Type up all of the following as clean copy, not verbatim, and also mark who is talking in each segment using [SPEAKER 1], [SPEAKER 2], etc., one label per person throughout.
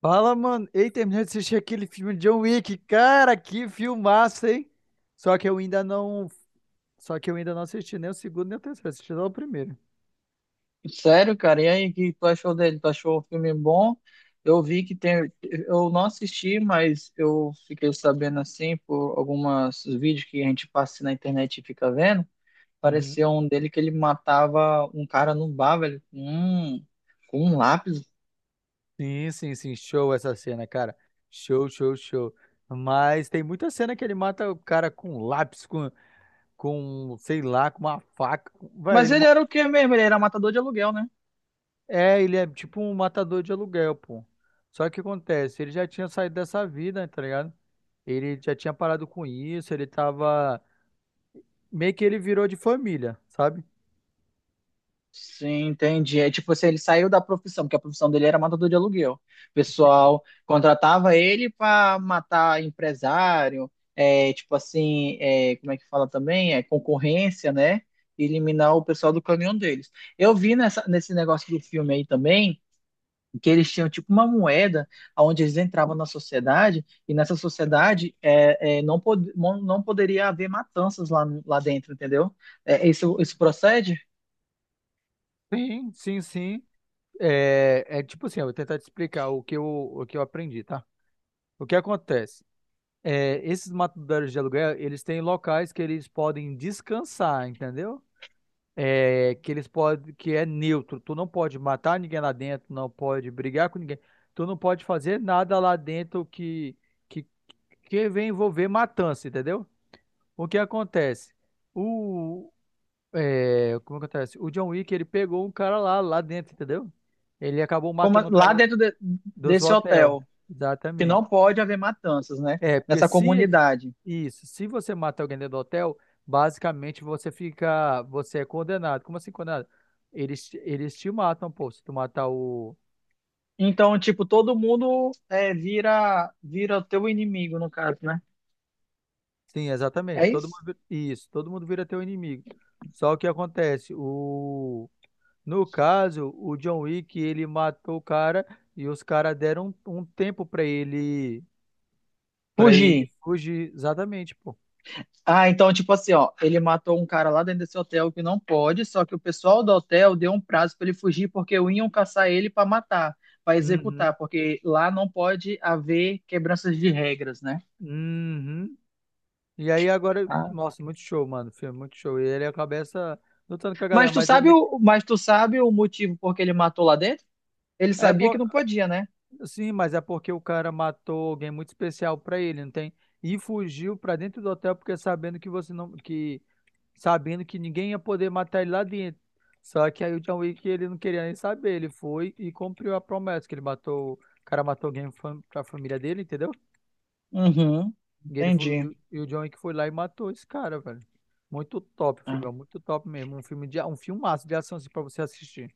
[SPEAKER 1] Fala, mano. Ei, terminei de assistir aquele filme de John Wick. Cara, que filmaço, hein? Só que eu ainda não. Só que eu ainda não assisti nem o segundo nem o terceiro. Assisti só o primeiro.
[SPEAKER 2] Sério, cara, e aí, o que tu achou dele? Tu achou o filme bom? Eu vi que tem. Eu não assisti, mas eu fiquei sabendo assim por alguns vídeos que a gente passa assim na internet e fica vendo.
[SPEAKER 1] Uhum.
[SPEAKER 2] Pareceu um dele que ele matava um cara num bar, velho, com um lápis.
[SPEAKER 1] Sim, sim, sim. Show essa cena, cara. Show, show, show. Mas tem muita cena que ele mata o cara com um lápis, com sei lá, com uma faca. Velho,
[SPEAKER 2] Mas ele era o quê mesmo? Ele era matador de aluguel, né?
[SPEAKER 1] é, ele é tipo um matador de aluguel, pô. Só que o que acontece? Ele já tinha saído dessa vida, tá ligado? Ele já tinha parado com isso, ele tava. Meio que ele virou de família, sabe?
[SPEAKER 2] Sim, entendi. É tipo assim, ele saiu da profissão, porque a profissão dele era matador de aluguel. O
[SPEAKER 1] Sim,
[SPEAKER 2] pessoal contratava ele para matar empresário, tipo assim, como é que fala também? É, concorrência, né? E eliminar o pessoal do caminhão deles. Eu vi nesse negócio do filme aí também que eles tinham tipo uma moeda onde eles entravam na sociedade e nessa sociedade não, pod não poderia haver matanças lá dentro, entendeu? É, isso procede?
[SPEAKER 1] sim, sim. sim. É, é tipo assim, eu vou tentar te explicar o que eu aprendi, tá? O que acontece? É, esses matadores de aluguel, eles têm locais que eles podem descansar, entendeu? É, que eles podem, que é neutro. Tu não pode matar ninguém lá dentro, não pode brigar com ninguém. Tu não pode fazer nada lá dentro que, que vem envolver matança, entendeu? O que acontece? É, como acontece? O John Wick, ele pegou um cara lá, lá dentro, entendeu? Ele acabou
[SPEAKER 2] Como
[SPEAKER 1] matando o cara
[SPEAKER 2] lá
[SPEAKER 1] lá do
[SPEAKER 2] desse
[SPEAKER 1] hotel.
[SPEAKER 2] hotel, que
[SPEAKER 1] Exatamente.
[SPEAKER 2] não pode haver matanças, né?
[SPEAKER 1] É, porque
[SPEAKER 2] Nessa
[SPEAKER 1] se
[SPEAKER 2] comunidade.
[SPEAKER 1] isso, se você mata alguém dentro do hotel, basicamente você fica, você é condenado. Como assim condenado? Eles te matam, pô, se tu matar o...
[SPEAKER 2] Então, tipo, todo mundo vira o teu inimigo, no caso, né?
[SPEAKER 1] Sim, exatamente.
[SPEAKER 2] É isso?
[SPEAKER 1] Isso, todo mundo vira teu inimigo. Só que acontece, o no caso, o John Wick, ele matou o cara e os caras deram um tempo pra ele pra ele
[SPEAKER 2] Fugir.
[SPEAKER 1] fugir. Exatamente, pô.
[SPEAKER 2] Ah, então, tipo assim, ó, ele matou um cara lá dentro desse hotel que não pode, só que o pessoal do hotel deu um prazo pra ele fugir porque iam caçar ele pra matar, pra
[SPEAKER 1] Uhum.
[SPEAKER 2] executar, porque lá não pode haver quebranças de regras, né?
[SPEAKER 1] Uhum. E aí agora,
[SPEAKER 2] Ah.
[SPEAKER 1] nossa, muito show, mano. O filme, muito show. E ele cabeça lutando com a galera, mas é, meio-
[SPEAKER 2] Mas tu sabe o motivo por que ele matou lá dentro? Ele
[SPEAKER 1] é
[SPEAKER 2] sabia que
[SPEAKER 1] por,
[SPEAKER 2] não podia, né?
[SPEAKER 1] sim, mas é porque o cara matou alguém muito especial pra ele, não tem? E fugiu pra dentro do hotel porque sabendo que você não que sabendo que ninguém ia poder matar ele lá dentro. Só que aí o John Wick ele não queria nem saber, ele foi e cumpriu a promessa que ele matou, o cara matou alguém pra família dele, entendeu?
[SPEAKER 2] Uhum.
[SPEAKER 1] E ele foi, e
[SPEAKER 2] Entendi.
[SPEAKER 1] o e o John Wick foi lá e matou esse cara, velho. Muito top o
[SPEAKER 2] Ah,
[SPEAKER 1] filme, é muito top mesmo. Um filme um filmaço de ação assim, pra você assistir.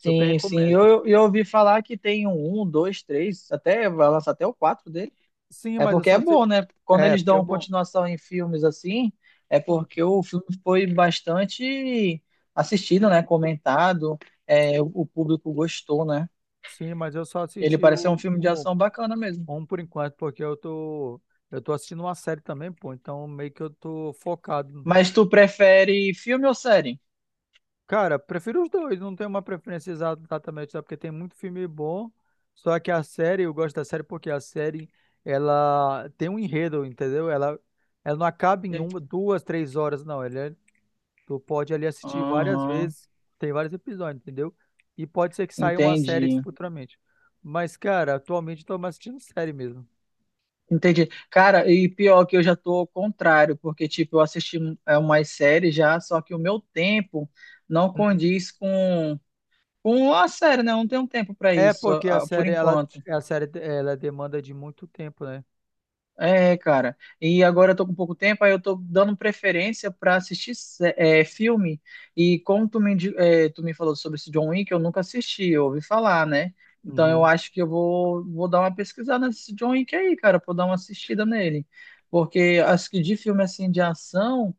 [SPEAKER 1] Super
[SPEAKER 2] sim.
[SPEAKER 1] recomendo.
[SPEAKER 2] Eu ouvi falar que tem um, dois, três, até vai lançar até o quatro dele.
[SPEAKER 1] Sim,
[SPEAKER 2] É
[SPEAKER 1] mas eu
[SPEAKER 2] porque
[SPEAKER 1] só
[SPEAKER 2] é
[SPEAKER 1] assisti.
[SPEAKER 2] bom, né? Quando
[SPEAKER 1] É,
[SPEAKER 2] eles
[SPEAKER 1] porque é
[SPEAKER 2] dão
[SPEAKER 1] bom.
[SPEAKER 2] continuação em filmes assim, é porque o filme foi bastante assistido, né? Comentado, é, o público gostou, né?
[SPEAKER 1] Sim, mas eu só
[SPEAKER 2] Ele
[SPEAKER 1] assisti
[SPEAKER 2] parece ser um filme de
[SPEAKER 1] o
[SPEAKER 2] ação bacana mesmo.
[SPEAKER 1] um por enquanto, porque eu tô assistindo uma série também, pô. Então meio que eu tô focado.
[SPEAKER 2] Mas tu prefere filme ou série?
[SPEAKER 1] Cara, prefiro os dois, não tenho uma preferência exatamente, sabe? Porque tem muito filme bom, só que a série, eu gosto da série porque a série, ela tem um enredo, entendeu? Ela não acaba em uma, duas, três horas, não. Ela, é- tu pode ali assistir várias
[SPEAKER 2] Aham,
[SPEAKER 1] vezes, tem vários episódios, entendeu? E pode ser que saia uma série
[SPEAKER 2] entendi.
[SPEAKER 1] futuramente. Mas, cara, atualmente eu tô mais assistindo série mesmo.
[SPEAKER 2] Entendi. Cara, e pior que eu já tô ao contrário, porque, tipo, eu assisti umas séries já, só que o meu tempo não
[SPEAKER 1] Uhum.
[SPEAKER 2] condiz com a série, né? Eu não tenho tempo para
[SPEAKER 1] É
[SPEAKER 2] isso,
[SPEAKER 1] porque
[SPEAKER 2] ah, por enquanto.
[SPEAKER 1] a série, ela demanda de muito tempo, né?
[SPEAKER 2] É, cara. E agora eu tô com pouco tempo, aí eu tô dando preferência pra assistir filme. E como tu tu me falou sobre esse John Wick, eu nunca assisti, eu ouvi falar, né? Então eu
[SPEAKER 1] Uhum,
[SPEAKER 2] acho que vou dar uma pesquisada nesse John Wick aí, cara, pra eu dar uma assistida nele. Porque acho que de filme assim de ação,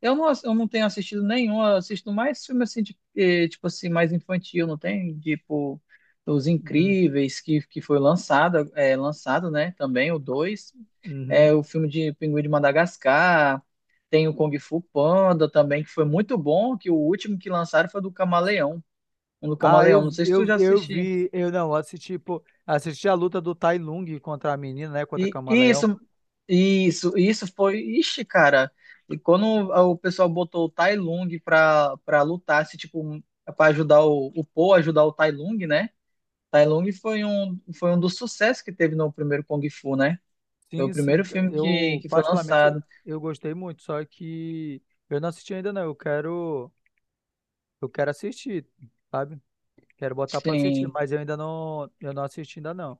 [SPEAKER 2] eu não tenho assistido nenhum, eu assisto mais filme assim, de, tipo assim, mais infantil, não tem? Tipo, Os
[SPEAKER 1] uhum,
[SPEAKER 2] Incríveis, que foi lançado, lançado, né? Também o 2
[SPEAKER 1] uhum.
[SPEAKER 2] é, o filme de Pinguim de Madagascar, tem o Kung Fu Panda também, que foi muito bom, que o último que lançaram foi do Camaleão, um do
[SPEAKER 1] Ah,
[SPEAKER 2] Camaleão, não
[SPEAKER 1] eu,
[SPEAKER 2] sei se tu
[SPEAKER 1] eu,
[SPEAKER 2] já
[SPEAKER 1] eu
[SPEAKER 2] assistiu.
[SPEAKER 1] vi, eu não, assisti, pô, assisti a luta do Tai Lung contra a menina, né, contra a
[SPEAKER 2] E
[SPEAKER 1] Camaleão.
[SPEAKER 2] isso, isso foi, ixi, cara, e quando o pessoal botou o Tai Lung pra lutar, se, tipo, pra ajudar o Po, ajudar o Tai Lung, né? Tai Lung foi um dos sucessos que teve no primeiro Kung Fu, né? Foi o
[SPEAKER 1] Sim, sim,
[SPEAKER 2] primeiro
[SPEAKER 1] ca-
[SPEAKER 2] filme
[SPEAKER 1] eu
[SPEAKER 2] que foi
[SPEAKER 1] particularmente,
[SPEAKER 2] lançado.
[SPEAKER 1] eu gostei muito, só que eu não assisti ainda não, eu quero assistir, sabe? Quero botar pra assistir,
[SPEAKER 2] Sim.
[SPEAKER 1] mas eu ainda não, eu não assisti ainda não.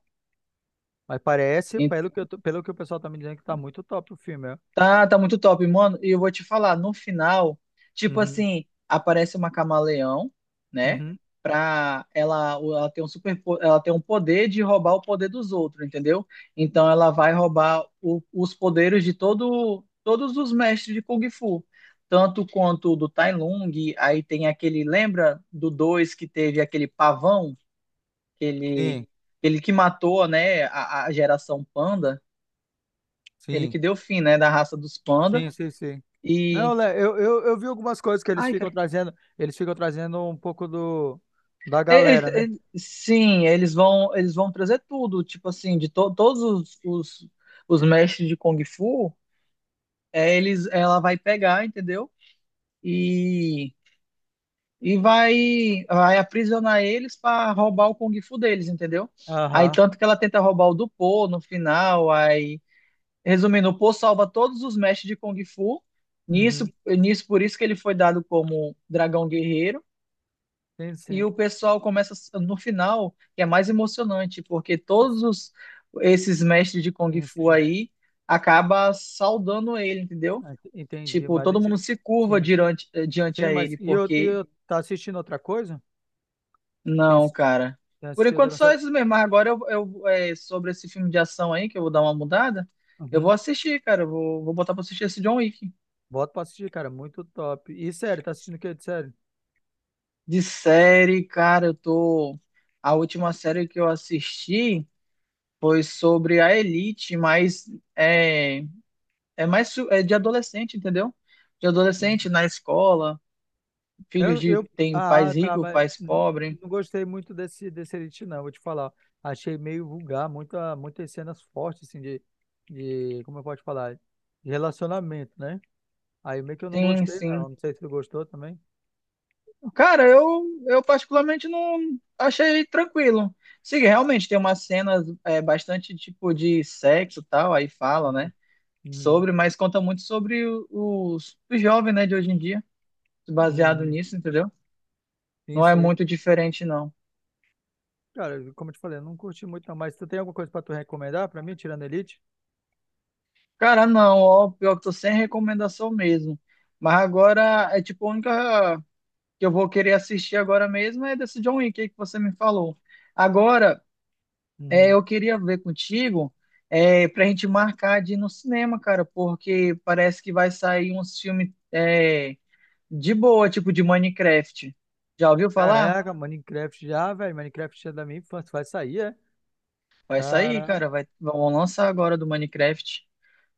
[SPEAKER 1] Mas parece, pelo que, eu tô- pelo que o pessoal tá me dizendo, que tá muito top o filme, é.
[SPEAKER 2] Tá muito top, mano. E eu vou te falar, no final, tipo
[SPEAKER 1] Uhum,
[SPEAKER 2] assim, aparece uma camaleão, né?
[SPEAKER 1] uhum.
[SPEAKER 2] Pra ela, ela tem ela tem um poder de roubar o poder dos outros, entendeu? Então ela vai roubar os poderes de todo, todos os mestres de Kung Fu, tanto quanto do Tai Lung. Aí tem aquele, lembra do dois que teve aquele pavão, aquele,
[SPEAKER 1] Sim,
[SPEAKER 2] ele que matou, né, a geração panda, ele
[SPEAKER 1] sim,
[SPEAKER 2] que deu fim, né, da raça dos panda.
[SPEAKER 1] sim, sim, sim.
[SPEAKER 2] E
[SPEAKER 1] Não, Lé, eu vi algumas coisas que
[SPEAKER 2] ai, cara.
[SPEAKER 1] eles ficam trazendo um pouco do da
[SPEAKER 2] E-
[SPEAKER 1] galera, né?
[SPEAKER 2] e- sim, eles vão trazer tudo, tipo assim, todos os mestres de Kung Fu, é, eles, ela vai pegar, entendeu? E, vai aprisionar eles para roubar o Kung Fu deles, entendeu? Aí
[SPEAKER 1] Aham.
[SPEAKER 2] tanto que ela tenta roubar o do Po no final, aí, resumindo, o Po salva todos os mestres de Kung Fu.
[SPEAKER 1] Uhum.
[SPEAKER 2] Por isso que ele foi dado como dragão guerreiro.
[SPEAKER 1] Sim,
[SPEAKER 2] E
[SPEAKER 1] sim.
[SPEAKER 2] o pessoal começa no final, que é mais emocionante, porque esses mestres de Kung
[SPEAKER 1] Sim,
[SPEAKER 2] Fu
[SPEAKER 1] sim.
[SPEAKER 2] aí acaba saudando ele, entendeu?
[SPEAKER 1] Ah, ent- Entendi,
[SPEAKER 2] Tipo,
[SPEAKER 1] mas
[SPEAKER 2] todo
[SPEAKER 1] deixa- eu-
[SPEAKER 2] mundo se curva
[SPEAKER 1] sim,
[SPEAKER 2] diante, diante
[SPEAKER 1] sim,
[SPEAKER 2] a
[SPEAKER 1] mas
[SPEAKER 2] ele,
[SPEAKER 1] e eu, e
[SPEAKER 2] porque
[SPEAKER 1] eu tá assistindo outra coisa? Tem,
[SPEAKER 2] não,
[SPEAKER 1] assi-
[SPEAKER 2] cara.
[SPEAKER 1] tem
[SPEAKER 2] Por
[SPEAKER 1] assistido
[SPEAKER 2] enquanto
[SPEAKER 1] outra
[SPEAKER 2] só
[SPEAKER 1] coisa?
[SPEAKER 2] esses mesmo, mas agora sobre esse filme de ação aí, que eu vou dar uma mudada, eu vou
[SPEAKER 1] Uhum.
[SPEAKER 2] assistir, cara, vou botar pra assistir esse John Wick.
[SPEAKER 1] Bota pra assistir, cara, muito top. E sério, tá assistindo o que de série?
[SPEAKER 2] De série, cara, eu tô... A última série que eu assisti... foi sobre a elite, mas é, é de adolescente, entendeu? De adolescente na escola, filhos de tem
[SPEAKER 1] Ah,
[SPEAKER 2] pais
[SPEAKER 1] tá,
[SPEAKER 2] ricos,
[SPEAKER 1] mas
[SPEAKER 2] pais pobres.
[SPEAKER 1] não gostei muito desse Elite, não, vou te falar. Achei meio vulgar, muitas cenas fortes, assim, de, como eu posso falar, de relacionamento, né? Aí meio que eu não
[SPEAKER 2] Sim,
[SPEAKER 1] gostei,
[SPEAKER 2] sim.
[SPEAKER 1] não. Não sei se tu gostou também.
[SPEAKER 2] Cara, eu particularmente não achei tranquilo. Sim, realmente tem umas cenas é, bastante tipo de sexo e tal, aí fala,
[SPEAKER 1] Aham.
[SPEAKER 2] né?
[SPEAKER 1] Uhum.
[SPEAKER 2] Sobre, mas conta muito sobre os jovens, né, de hoje em dia, baseado
[SPEAKER 1] Uhum.
[SPEAKER 2] nisso, entendeu?
[SPEAKER 1] Sim,
[SPEAKER 2] Não é
[SPEAKER 1] sim.
[SPEAKER 2] muito diferente, não.
[SPEAKER 1] Cara, como eu te falei, eu não curti muito, não. Mas tu tem alguma coisa pra tu recomendar pra mim, tirando Elite?
[SPEAKER 2] Cara, não, ó, pior que tô sem recomendação mesmo. Mas agora é tipo a única que eu vou querer assistir agora mesmo é desse John Wick aí que você me falou. Agora, é,
[SPEAKER 1] Uhum.
[SPEAKER 2] eu queria ver contigo é, pra gente marcar de ir no cinema, cara, porque parece que vai sair uns filmes é, de boa, tipo de Minecraft. Já ouviu falar?
[SPEAKER 1] Caraca, Minecraft já, velho. Minecraft já é da minha infância, vai sair, é?
[SPEAKER 2] Vai sair,
[SPEAKER 1] Cara,
[SPEAKER 2] cara, vão lançar agora do Minecraft.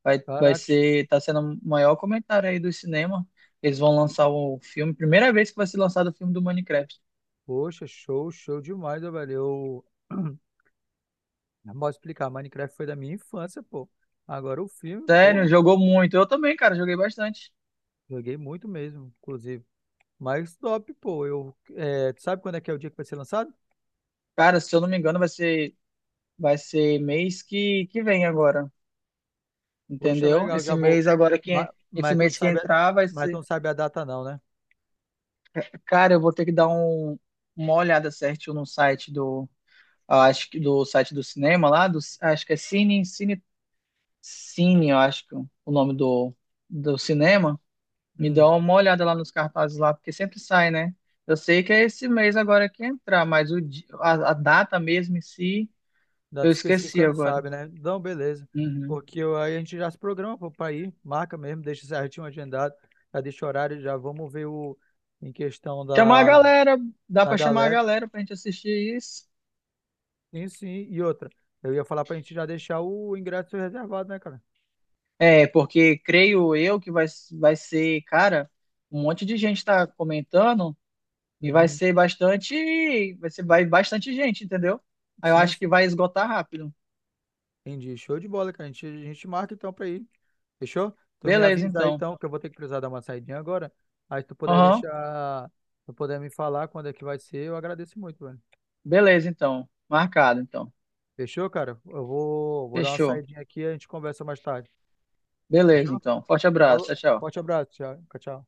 [SPEAKER 2] Vai
[SPEAKER 1] caraca.
[SPEAKER 2] ser, tá sendo o maior comentário aí do cinema. Eles vão lançar o filme, primeira vez que vai ser lançado o filme do Minecraft.
[SPEAKER 1] Poxa, show, show demais, ó, velho. Eu não posso explicar, Minecraft foi da minha infância, pô. Agora o filme,
[SPEAKER 2] Sério,
[SPEAKER 1] pô,
[SPEAKER 2] jogou muito. Eu também, cara, joguei bastante.
[SPEAKER 1] joguei muito mesmo, inclusive. Mas top, pô. Eu, é, tu sabe quando é que é o dia que vai ser lançado?
[SPEAKER 2] Cara, se eu não me engano, vai ser mês que vem agora,
[SPEAKER 1] Poxa,
[SPEAKER 2] entendeu?
[SPEAKER 1] legal, já vou.
[SPEAKER 2] Esse
[SPEAKER 1] Mas tu não
[SPEAKER 2] mês que
[SPEAKER 1] sabe, a-
[SPEAKER 2] entrar vai
[SPEAKER 1] mas tu
[SPEAKER 2] ser.
[SPEAKER 1] não sabe a data, não, né?
[SPEAKER 2] Cara, eu vou ter que dar uma olhada certinho no site do, acho que do site do cinema lá, do, acho que é Cine, eu acho que é o nome do, do cinema. Me dá
[SPEAKER 1] Hum,
[SPEAKER 2] uma olhada lá nos cartazes lá, porque sempre sai, né? Eu sei que é esse mês agora que entrar, mas a data mesmo em si, eu
[SPEAKER 1] data
[SPEAKER 2] esqueci
[SPEAKER 1] específica não
[SPEAKER 2] agora.
[SPEAKER 1] sabe, né? Não, beleza.
[SPEAKER 2] Uhum.
[SPEAKER 1] Porque eu- aí a gente já se programa, pô, pra ir, marca mesmo, deixa certinho agendado, já deixa o horário, já vamos ver o em questão
[SPEAKER 2] Chamar a
[SPEAKER 1] da,
[SPEAKER 2] galera, dá
[SPEAKER 1] da
[SPEAKER 2] pra chamar a
[SPEAKER 1] galera.
[SPEAKER 2] galera pra gente assistir isso.
[SPEAKER 1] Sim, sim. E outra, eu ia falar pra gente já deixar o ingresso reservado, né, cara?
[SPEAKER 2] É, porque creio eu vai ser, cara, um monte de gente tá comentando e vai
[SPEAKER 1] Uhum.
[SPEAKER 2] ser bastante, bastante gente, entendeu? Aí eu
[SPEAKER 1] Sim,
[SPEAKER 2] acho que
[SPEAKER 1] sim.
[SPEAKER 2] vai esgotar rápido.
[SPEAKER 1] Entendi. Show de bola, cara. A gente marca então pra ir. Fechou? Tu me
[SPEAKER 2] Beleza,
[SPEAKER 1] avisa aí
[SPEAKER 2] então.
[SPEAKER 1] então, que eu vou ter que precisar dar uma saidinha agora. Aí se tu puder
[SPEAKER 2] Aham,
[SPEAKER 1] deixar, se tu puder me falar quando é que vai ser, eu agradeço muito, velho.
[SPEAKER 2] beleza, então. Marcado, então.
[SPEAKER 1] Fechou, cara? Vou dar uma
[SPEAKER 2] Fechou.
[SPEAKER 1] saidinha aqui e a gente conversa mais tarde.
[SPEAKER 2] Beleza,
[SPEAKER 1] Fechou?
[SPEAKER 2] então. Forte
[SPEAKER 1] Falou.
[SPEAKER 2] abraço. Tchau, tchau.
[SPEAKER 1] Forte abraço. Tchau. Tchau.